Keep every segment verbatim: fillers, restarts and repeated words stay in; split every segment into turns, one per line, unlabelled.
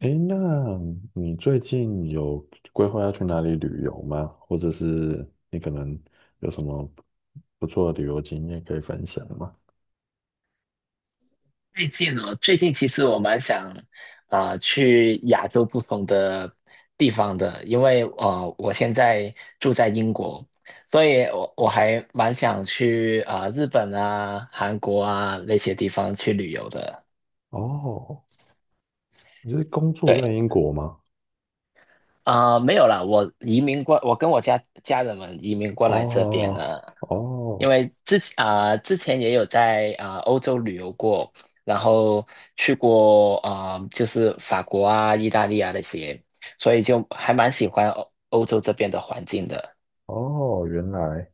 诶，那你最近有规划要去哪里旅游吗？或者是你可能有什么不错的旅游经验可以分享吗？
最近哦，最近其实我蛮想啊、呃去亚洲不同的地方的，因为啊我现在住在英国，所以我我还蛮想去啊、呃日本啊、韩国啊那些地方去旅游的。
哦，你是工作
对。
在英国吗？
啊、没有啦，我移民过，我跟我家家人们移民过来这边
哦
了，因
哦
为之前啊、呃之前也有在啊、呃欧洲旅游过，然后去过啊、呃就是法国啊、意大利啊那些，所以就还蛮喜欢欧欧洲这边的环境的。
哦，原来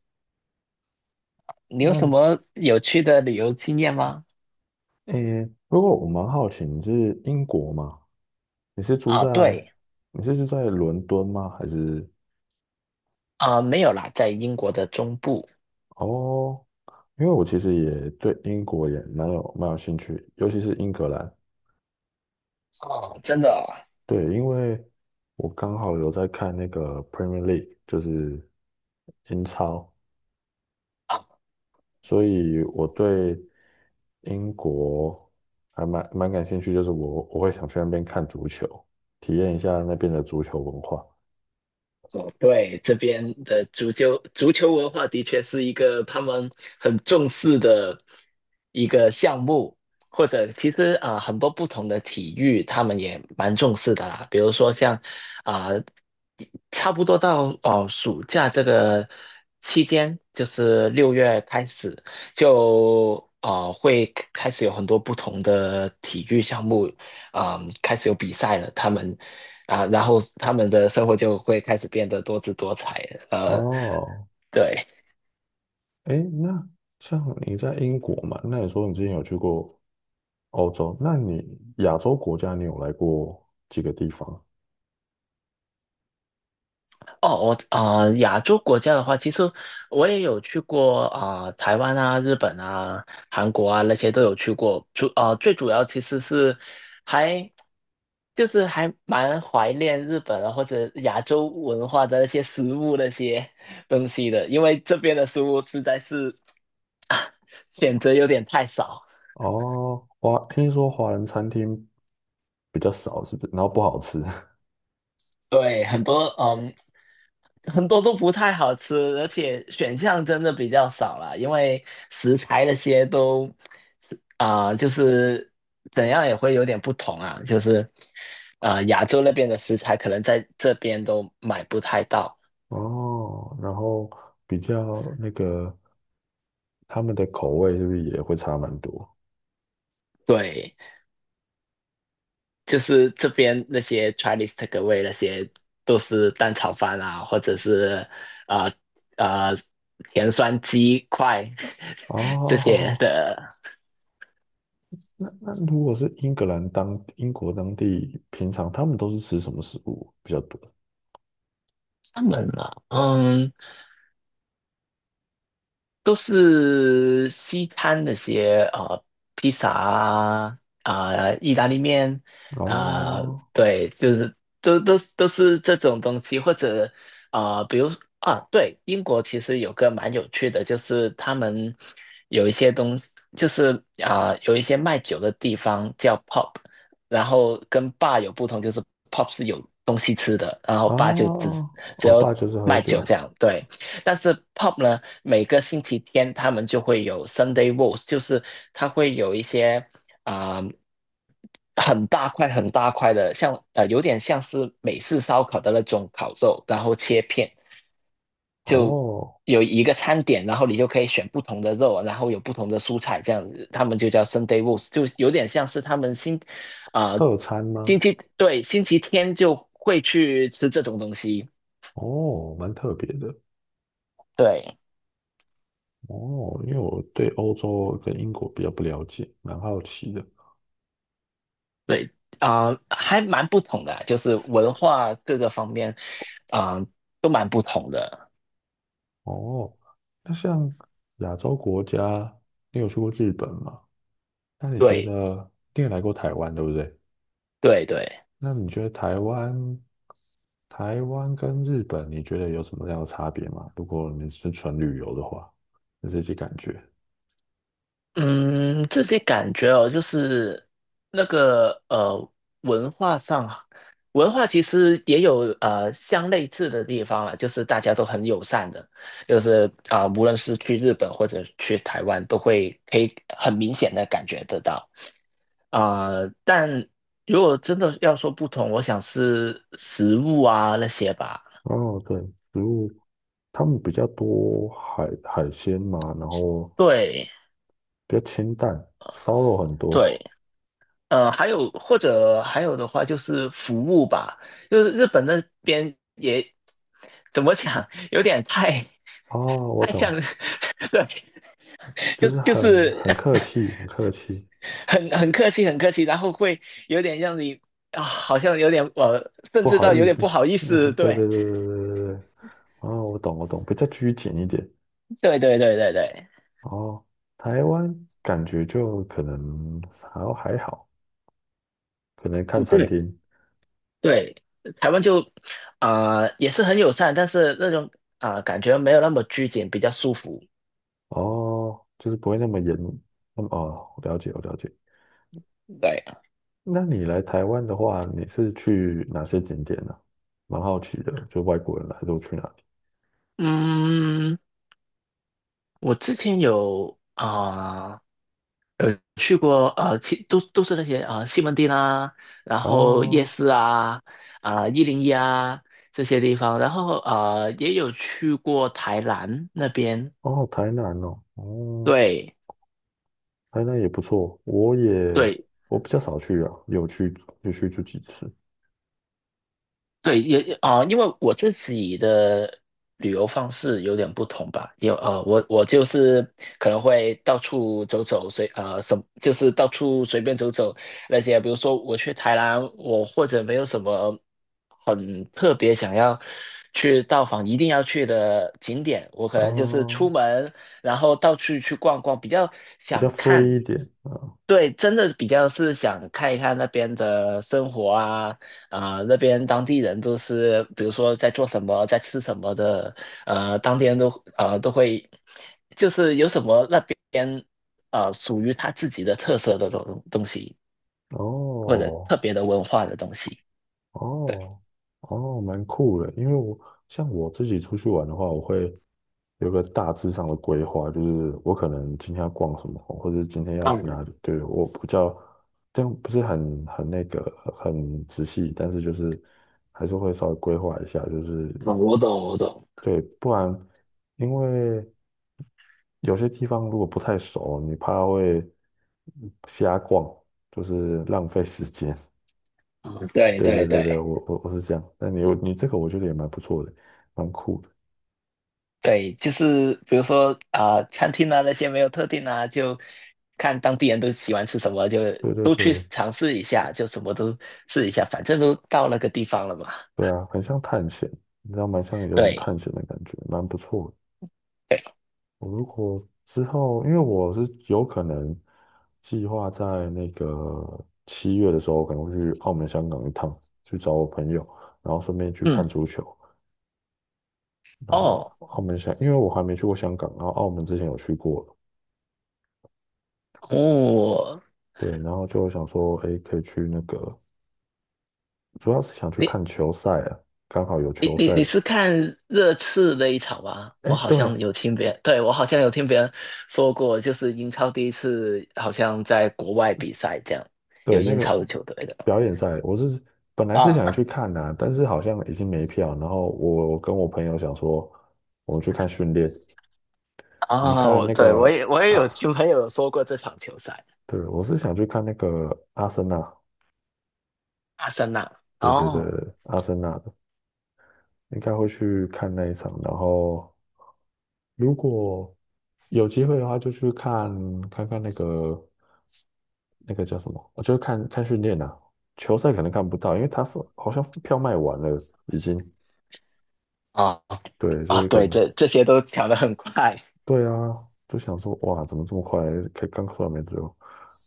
你有什
那
么有趣的旅游经验吗？
诶，不过我蛮好奇，你是英国吗？你是住
啊，
在
对。
你是住在伦敦吗？还是
啊、没有啦，在英国的中部。
哦？因为我其实也对英国也蛮有蛮有兴趣，尤其是英格兰。
哦，真的
对，因为我刚好有在看那个 Premier League,就是英超，
啊。
所以我对英国还蛮蛮感兴趣，就是我我会想去那边看足球，体验一下那边的足球文化。
哦，对，这边的足球足球文化的确是一个他们很重视的一个项目，或者其实啊、呃很多不同的体育他们也蛮重视的啦。比如说像啊、呃差不多到哦、呃暑假这个期间，就是六月开始就啊、呃会开始有很多不同的体育项目啊、呃开始有比赛了，他们。啊，然后他们的生活就会开始变得多姿多彩。呃，
哦，
对。
哎，那像你在英国嘛，那你说你之前有去过欧洲，那你亚洲国家你有来过几个地方？
哦，我啊、呃亚洲国家的话，其实我也有去过啊、呃台湾啊、日本啊、韩国啊那些都有去过。主啊、呃最主要其实是还就是还蛮怀念日本啊或者亚洲文化的那些食物那些东西的，因为这边的食物实在是选择有点太少。
哦，华，听说华人餐厅比较少，是不是？然后不好吃。
对，很多嗯，很多都不太好吃，而且选项真的比较少了，因为食材那些都啊、就是怎样也会有点不同啊，就是啊、亚洲那边的食材可能在这边都买不太到。
哦，然后比较那个他们的口味是不是也会差蛮多？
对，就是这边那些 Chinese takeaway 那些都是蛋炒饭啊，或者是啊啊、呃呃甜酸鸡块 这
哦，好
些
好，
的。
那那如果是英格兰当英国当地，平常他们都是吃什么食物比较多？
他们啊，嗯，都是西餐那些呃，披萨啊，啊、意大利面啊、
哦
对，就是都都都是这种东西，或者啊、呃比如啊，对，英国其实有个蛮有趣的，就是他们有一些东西，就是啊、有一些卖酒的地方叫 pub，然后跟 bar 有不同，就是 pub 是有东西吃的，然后 bar 就只
哦，
只
我
有
爸就是喝
卖酒这
酒。
样，对。但是 p o p 呢，每个星期天他们就会有 Sunday w o a s t， 就是它会有一些啊、呃很大块很大块的，像呃有点像是美式烧烤的那种烤肉，然后切片，就
哦，
有一个餐点，然后你就可以选不同的肉，然后有不同的蔬菜这样子，他们就叫 Sunday w o a s t， 就有点像是他们星啊、呃
特餐
星
吗？
期对星期天就会去吃这种东西。
哦，蛮特别的。
对。
哦，因为我对欧洲跟英国比较不了解，蛮好奇的。
对啊、呃还蛮不同的啊就是文化各个方面啊、呃都蛮不同的。
哦，那像亚洲国家，你有去过日本吗？那你觉
对
得，你也来过台湾，对不对？
对对。
那你觉得台湾，台湾跟日本，你觉得有什么样的差别吗？如果你是纯旅游的话，你自己感觉。
嗯，自己感觉哦，就是那个呃，文化上，文化其实也有呃相类似的地方了，就是大家都很友善的，就是啊、无论是去日本或者去台湾，都会可以很明显的感觉得到。啊、但如果真的要说不同，我想是食物啊那些吧。
哦，对，食物他们比较多海海鲜嘛，然后
对
比较清淡，烧肉很
对。
多。
呃，还有或者还有的话就是服务吧，就是日本那边也怎么讲，有点太
哦，我
太像，
懂，
对，
就
就
是
就
很
是
很客气，很客气，
很很客气，很客气，然后会有点让你啊，好像有点呃，甚
不
至
好
到
意
有点
思。
不好意 思，
对对对对
对，
对对对。哦，我懂我懂，比较拘谨一点。
对对对对对，
哦，台湾感觉就可能还还好，可能看
不
餐
对
厅
对，台湾就啊、呃也是很友善，但是那种啊、呃感觉没有那么拘谨，比较舒服。
哦，就是不会那么严。那么哦，我了解，我了解。
对。
那你来台湾的话，你是去哪些景点呢、蛮好奇的，就外国人来都去哪里？
嗯。我之前有啊、呃有去过呃，其都都是那些啊、呃西门町啊，然后夜
哦
市啊，啊一零一啊这些地方，然后呃也有去过台南那边。
哦，台南哦，哦，
对
台南也不错，我也
对。
我比较少去啊，有去有去就几次
对，也也啊、因为我自己的旅游方式有点不同吧，有啊，呃我我就是可能会到处走走，随呃什就是到处随便走走那些，比如说我去台南，我或者没有什么很特别想要去到访一定要去的景点，我可能就是出
啊，
门，然后到处去逛逛，比较
比较
想看。
free 一点啊。
对，真的比较是想看一看那边的生活啊，啊、那边当地人都是，比如说在做什么，在吃什么的，呃，当天都呃都会，就是有什么那边呃属于他自己的特色的东东西，或者
哦，
特别的文化的东西。对。
哦，哦，蛮酷的。因为我像我自己出去玩的话，我会有个大致上的规划，就是我可能今天要逛什么，或者是今天要去哪
嗯，
里。对，我比较，样，不是很很那个很仔细，但是就是还是会稍微规划一下，就是
嗯我懂，我懂。
对，不然因为有些地方如果不太熟，你怕会瞎逛，就是浪费时间。
嗯，对
对对
对
对
对。
对，我我我是这样。那你有你这个，我觉得也蛮不错的，蛮酷的。
对，就是比如说啊、餐厅啊那些没有特定啊，就看当地人都喜欢吃什么，就
对对
都去
对
尝试一下，就什么都试一下，反正都到那个地方了嘛。
对啊，很像探险，你知道，蛮像有种
对
探险的感觉，蛮不错的。
对。
我如果之后，因为我是有可能计划在那个七月的时候，可能会去澳门、香港一趟，去找我朋友，然后顺便去看
嗯。
足球。然后
哦
澳门香，因为我还没去过香港，然后澳门之前有去过了
哦，
对，然后就想说，哎，可以去那个。主要是想去
你
看球赛啊，刚好有
你
球赛。
你你是看热刺那一场吗？
哎，
我好
对
像有听别人，对，我好像有听别人说过，就是英超第一次好像在国外比赛这样，
对，
有
那
英
个
超的球队的
表演赛，我是本来是想去
啊
看的但是好像已经没票。然后我我跟我朋友想说，我们去看训练，我们
啊，
看
我
那
对我也
个
我也有听
啊，
朋友说过这场球赛，
对，我是想去看那个阿森纳，
阿森纳。
对对对，
哦。
阿森纳的应该会去看那一场。然后如果有机会的话，就去看看看那个那个叫什么？我就是看看训练啊，球赛可能看不到，因为他好像票卖完了，已经
哦。
对，所
啊，
以可
对，
能
这这些都抢得很快。
对啊，就想说哇，怎么这么快？才刚出来没多久，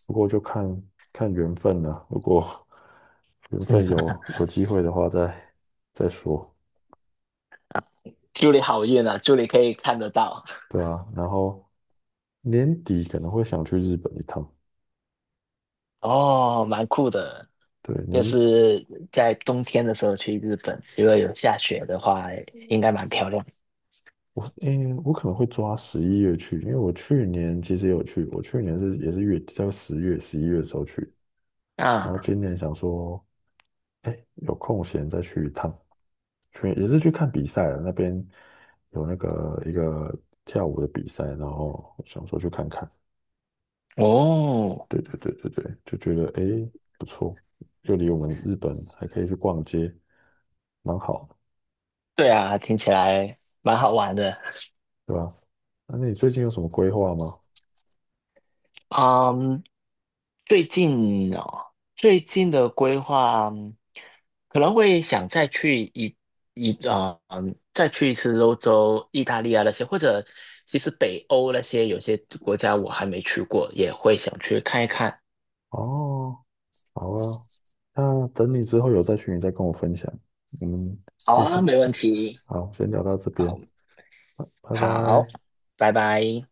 不过就看看缘分了、如果缘分 有有机会的话再，再说，
祝你好运啊！祝你可以看得到。
对啊。然后年底可能会想去日本一趟，
哦，蛮酷的，
对，
就
年
是在冬天的时候去日本，如果有下雪的话，应该蛮漂亮
我诶、我可能会抓十一月去，因为我去年其实也有去，我去年是也是月底，在十月、十一月的时候去，然后
啊。
今年想说，哎，有空闲再去一趟，去也是去看比赛了。那边有那个一个跳舞的比赛，然后想说去看看。
哦，
对对对对对，就觉得哎不错，又离我们日本还可以去逛街，蛮好的
对啊，听起来蛮好玩的。
对吧？那你最近有什么规划吗？
嗯，最近哦，最近的规划嗯可能会想再去一一呃嗯，再去一次欧洲、意大利啊那些，或者其实北欧那些有些国家我还没去过，也会想去看一看。
哦，好啊，那等你之后有在群里再跟我分享，嗯，
好
谢谢
啊，
以先
没问题。
好，先聊到这
好。
边，拜
好。
拜。
拜拜。